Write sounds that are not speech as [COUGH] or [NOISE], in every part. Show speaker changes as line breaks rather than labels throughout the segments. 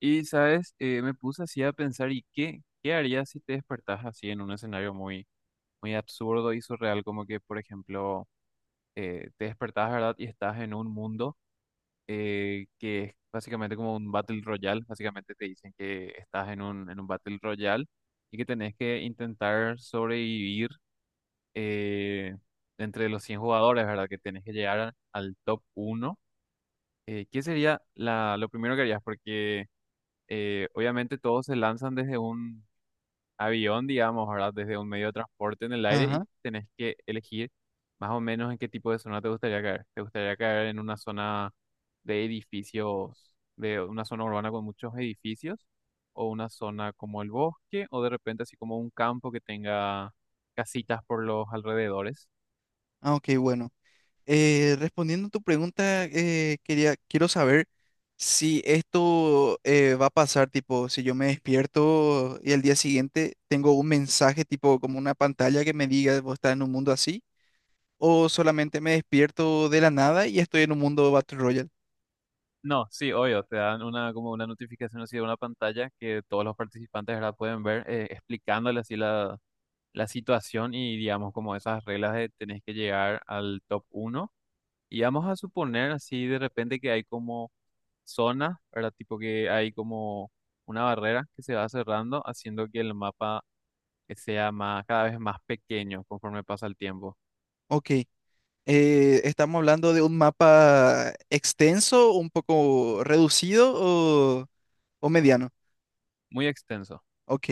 Y, ¿sabes? Me puse así a pensar. ¿Y qué harías si te despertás así en un escenario muy absurdo y surreal? Como que, por ejemplo, te despertás, ¿verdad? Y estás en un mundo que es básicamente como un Battle Royale. Básicamente te dicen que estás en en un Battle Royale y que tenés que intentar sobrevivir eh, entre los 100 jugadores, ¿verdad? Que tenés que llegar al top 1. ¿Qué sería lo primero que harías? Porque obviamente todos se lanzan desde un avión, digamos, ¿verdad? Desde un medio de transporte en el aire y
Ajá.
tenés que elegir más o menos en qué tipo de zona te gustaría caer. ¿Te gustaría caer en una zona de edificios, de una zona urbana con muchos edificios? ¿O una zona como el bosque? ¿O de repente así como un campo que tenga casitas por los alrededores?
Ah, ok, bueno. Respondiendo a tu pregunta, quiero saber si esto va a pasar, tipo, si yo me despierto y al día siguiente tengo un mensaje, tipo, como una pantalla que me diga, vos estás en un mundo así, o solamente me despierto de la nada y estoy en un mundo Battle Royale.
No, sí, obvio, te dan una como una notificación así, de una pantalla que todos los participantes, ¿verdad?, pueden ver, explicándole así la situación y digamos como esas reglas de tenés que llegar al top uno. Y vamos a suponer así de repente que hay como zonas, ¿verdad? Tipo que hay como una barrera que se va cerrando, haciendo que el mapa sea cada vez más pequeño conforme pasa el tiempo.
Ok. ¿Estamos hablando de un mapa extenso, un poco reducido o mediano?
Muy extenso.
Ok.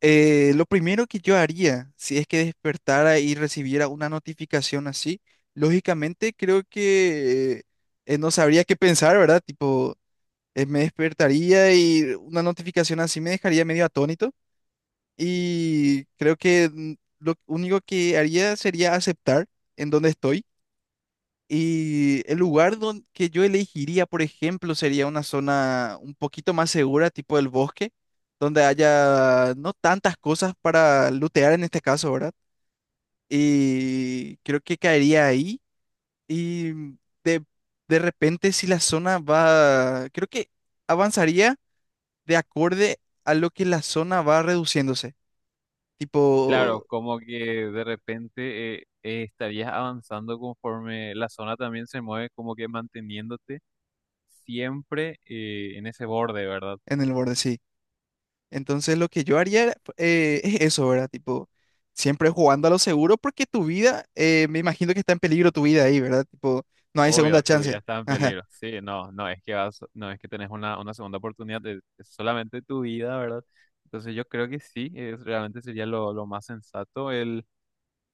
Lo primero que yo haría, si es que despertara y recibiera una notificación así, lógicamente creo que no sabría qué pensar, ¿verdad? Tipo, me despertaría y una notificación así me dejaría medio atónito y creo que, lo único que haría sería aceptar en donde estoy y el lugar donde, que yo elegiría, por ejemplo, sería una zona un poquito más segura, tipo el bosque, donde haya no tantas cosas para lootear en este caso, ¿verdad? Y creo que caería ahí. Y de, de repente, si la zona va, creo que avanzaría de acorde a lo que la zona va reduciéndose,
Claro,
tipo
como que de repente estarías avanzando conforme la zona también se mueve, como que manteniéndote siempre en ese borde, ¿verdad?
en el borde, sí. Entonces lo que yo haría era, es eso, ¿verdad? Tipo, siempre jugando a lo seguro porque tu vida, me imagino que está en peligro tu vida ahí, ¿verdad? Tipo, no hay segunda
Obvio, tu vida
chance.
está
[LAUGHS]
en
Ajá.
peligro. Sí, no, no es que vas, no es que tenés una segunda oportunidad, es solamente tu vida, ¿verdad? Entonces yo creo que sí, es, realmente sería lo más sensato.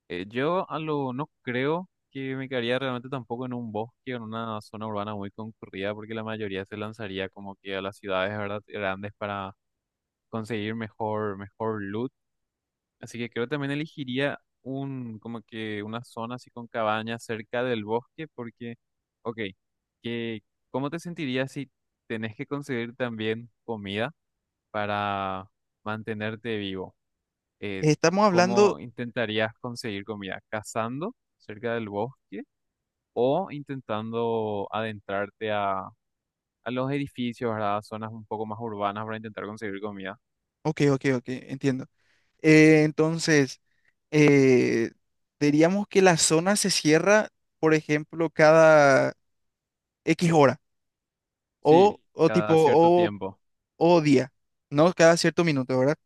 No creo que me quedaría realmente tampoco en un bosque o en una zona urbana muy concurrida, porque la mayoría se lanzaría como que a las ciudades, ¿verdad? Grandes para conseguir mejor loot. Así que creo que también elegiría como que una zona así con cabañas cerca del bosque, porque, ok, que, ¿cómo te sentirías si tenés que conseguir también comida para mantenerte vivo? Eh,
Estamos hablando,
¿Cómo intentarías conseguir comida? ¿Cazando cerca del bosque o intentando adentrarte a los edificios, ¿verdad? A zonas un poco más urbanas para intentar conseguir comida?
ok, ok, ok, entiendo. Entonces, eh, diríamos que la zona se cierra, por ejemplo, cada X hora
Sí,
o, o tipo,
cada cierto
o,
tiempo.
o día, ¿no? Cada cierto minuto, ¿verdad?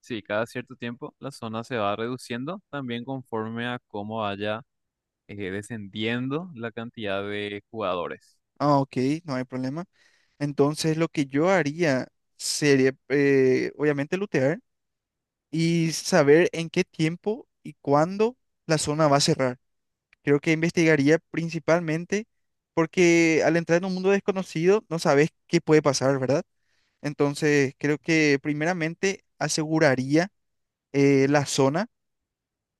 Sí, cada cierto tiempo la zona se va reduciendo también conforme a cómo vaya descendiendo la cantidad de jugadores.
Ah, ok, no hay problema. Entonces, lo que yo haría sería, obviamente, lootear y saber en qué tiempo y cuándo la zona va a cerrar. Creo que investigaría principalmente porque al entrar en un mundo desconocido no sabes qué puede pasar, ¿verdad? Entonces, creo que primeramente aseguraría la zona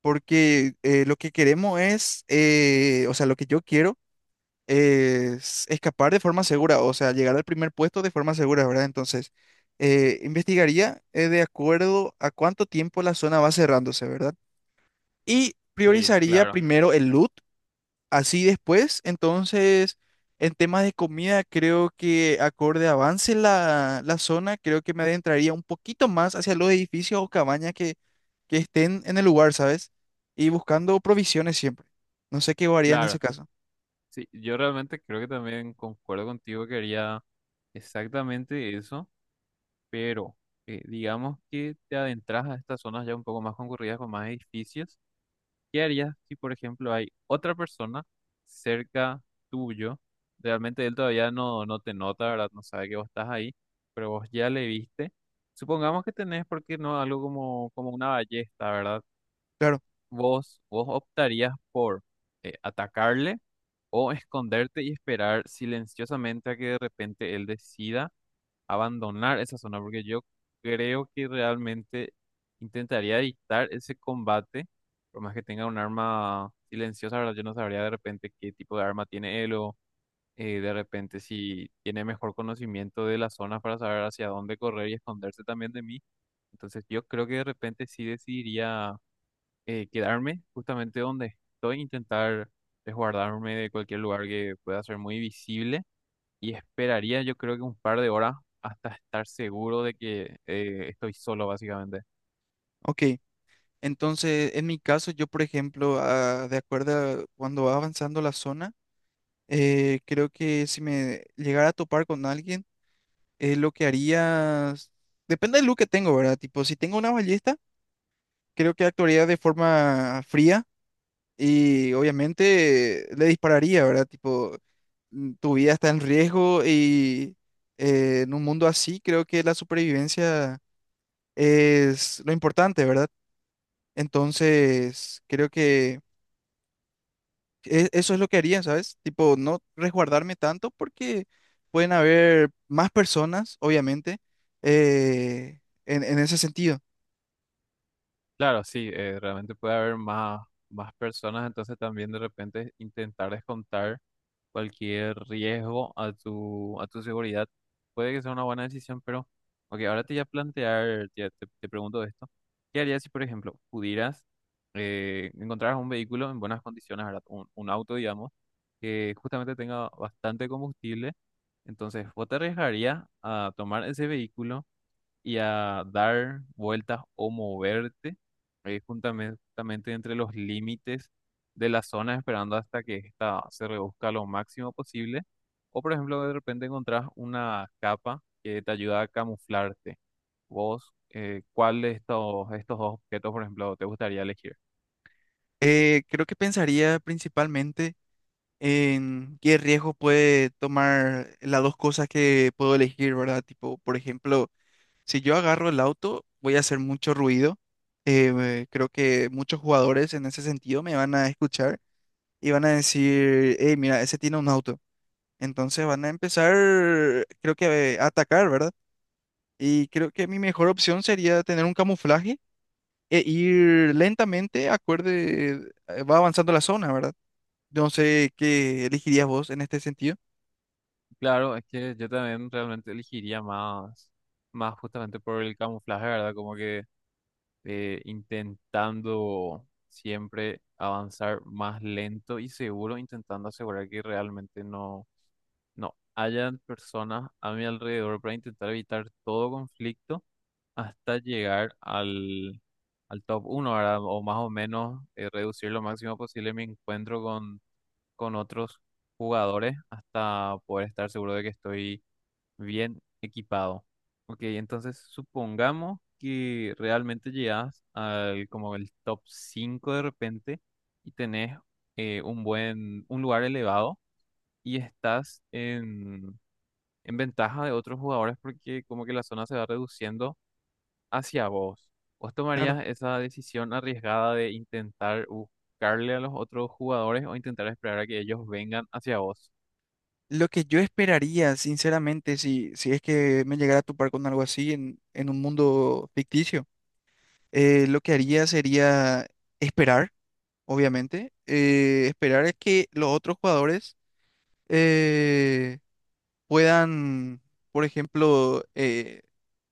porque lo que queremos es, o sea, lo que yo quiero es escapar de forma segura, o sea, llegar al primer puesto de forma segura, ¿verdad? Entonces, investigaría de acuerdo a cuánto tiempo la zona va cerrándose, ¿verdad? Y
Sí,
priorizaría
claro,
primero el loot, así después, entonces, en temas de comida, creo que acorde avance la zona, creo que me adentraría un poquito más hacia los edificios o cabañas que estén en el lugar, ¿sabes? Y buscando provisiones siempre. No sé qué haría en
claro.
ese caso.
Sí, yo realmente creo que también concuerdo contigo, que haría exactamente eso, pero digamos que te adentras a estas zonas ya un poco más concurridas con más edificios. ¿Qué harías si, por ejemplo, hay otra persona cerca tuyo? Realmente él todavía no te nota, ¿verdad? No sabe que vos estás ahí, pero vos ya le viste. Supongamos que tenés, ¿porque no?, algo como, como una ballesta, ¿verdad?
Claro,
Vos optarías por atacarle, o esconderte y esperar silenciosamente a que de repente él decida abandonar esa zona, porque yo creo que realmente intentaría evitar ese combate, por más que tenga un arma silenciosa, ¿verdad? Yo no sabría de repente qué tipo de arma tiene él, o de repente si tiene mejor conocimiento de las zonas para saber hacia dónde correr y esconderse también de mí. Entonces yo creo que de repente sí decidiría quedarme justamente donde estoy, intentar resguardarme de cualquier lugar que pueda ser muy visible, y esperaría yo creo que un par de horas hasta estar seguro de que estoy solo básicamente.
ok. Entonces, en mi caso, yo, por ejemplo, ah, de acuerdo a cuando va avanzando la zona, creo que si me llegara a topar con alguien, lo que haría, depende del look que tengo, ¿verdad? Tipo, si tengo una ballesta, creo que actuaría de forma fría y obviamente le dispararía, ¿verdad? Tipo, tu vida está en riesgo y en un mundo así, creo que la supervivencia es lo importante, ¿verdad? Entonces, creo que… eso es lo que haría, ¿sabes? Tipo, no resguardarme tanto porque pueden haber más personas, obviamente, eh, en ese sentido.
Claro, sí, realmente puede haber más personas, entonces también de repente intentar descontar cualquier riesgo a a tu seguridad. Puede que sea una buena decisión, pero, ok, ahora te voy a plantear, te pregunto esto. ¿Qué harías si, por ejemplo, pudieras encontrar un vehículo en buenas condiciones, ¿verdad? Un auto, digamos, que justamente tenga bastante combustible? Entonces, ¿vos te arriesgarías a tomar ese vehículo y a dar vueltas o moverte justamente, entre los límites de la zona, esperando hasta que esta se reduzca lo máximo posible? O, por ejemplo, de repente encontrás una capa que te ayuda a camuflarte. Vos, ¿cuál de estos dos objetos, por ejemplo, te gustaría elegir?
Creo que pensaría principalmente en qué riesgo puede tomar las dos cosas que puedo elegir, ¿verdad? Tipo, por ejemplo, si yo agarro el auto, voy a hacer mucho ruido. Creo que muchos jugadores en ese sentido me van a escuchar y van a decir, hey, mira, ese tiene un auto. Entonces van a empezar, creo que a atacar, ¿verdad? Y creo que mi mejor opción sería tener un camuflaje e ir lentamente, acorde, va avanzando la zona, ¿verdad? No sé qué elegirías vos en este sentido.
Claro, es que yo también realmente elegiría más justamente por el camuflaje, ¿verdad? Como que intentando siempre avanzar más lento y seguro, intentando asegurar que realmente no hayan personas a mi alrededor para intentar evitar todo conflicto hasta llegar al top 1, ¿verdad? O más o menos reducir lo máximo posible mi encuentro con otros jugadores hasta poder estar seguro de que estoy bien equipado. Ok, entonces supongamos que realmente llegas al como el top 5 de repente y tenés un buen, un lugar elevado, y estás en ventaja de otros jugadores porque como que la zona se va reduciendo hacia vos. ¿Vos
Claro.
tomarías esa decisión arriesgada de intentar buscarle a los otros jugadores o intentar esperar a que ellos vengan hacia vos?
Lo que yo esperaría, sinceramente, si es que me llegara a topar con algo así en un mundo ficticio, lo que haría sería esperar, obviamente, esperar a que los otros jugadores… eh, puedan, por ejemplo,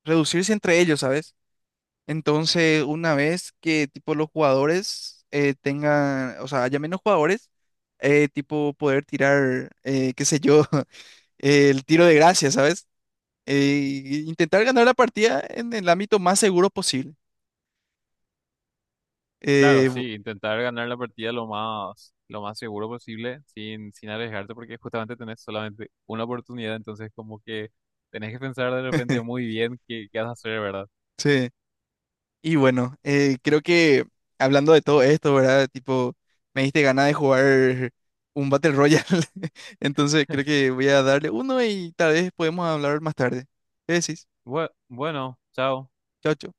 reducirse entre ellos, ¿sabes? Entonces, una vez que tipo los jugadores tengan, o sea, haya menos jugadores, tipo poder tirar, qué sé yo, [LAUGHS] el tiro de gracia, ¿sabes? Intentar ganar la partida en el ámbito más seguro posible.
Claro,
Eh, bu-
sí, intentar ganar la partida lo más seguro posible, sin, sin arriesgarte, porque justamente tenés solamente una oportunidad, entonces como que tenés que pensar de repente
[LAUGHS]
muy bien qué vas a hacer, ¿verdad?
sí. Y bueno, creo que hablando de todo esto, ¿verdad? Tipo, me diste ganas de jugar un Battle Royale. [LAUGHS] Entonces creo que voy a darle uno y tal vez podemos hablar más tarde. ¿Qué decís?
Bueno, chao.
Chao, chao.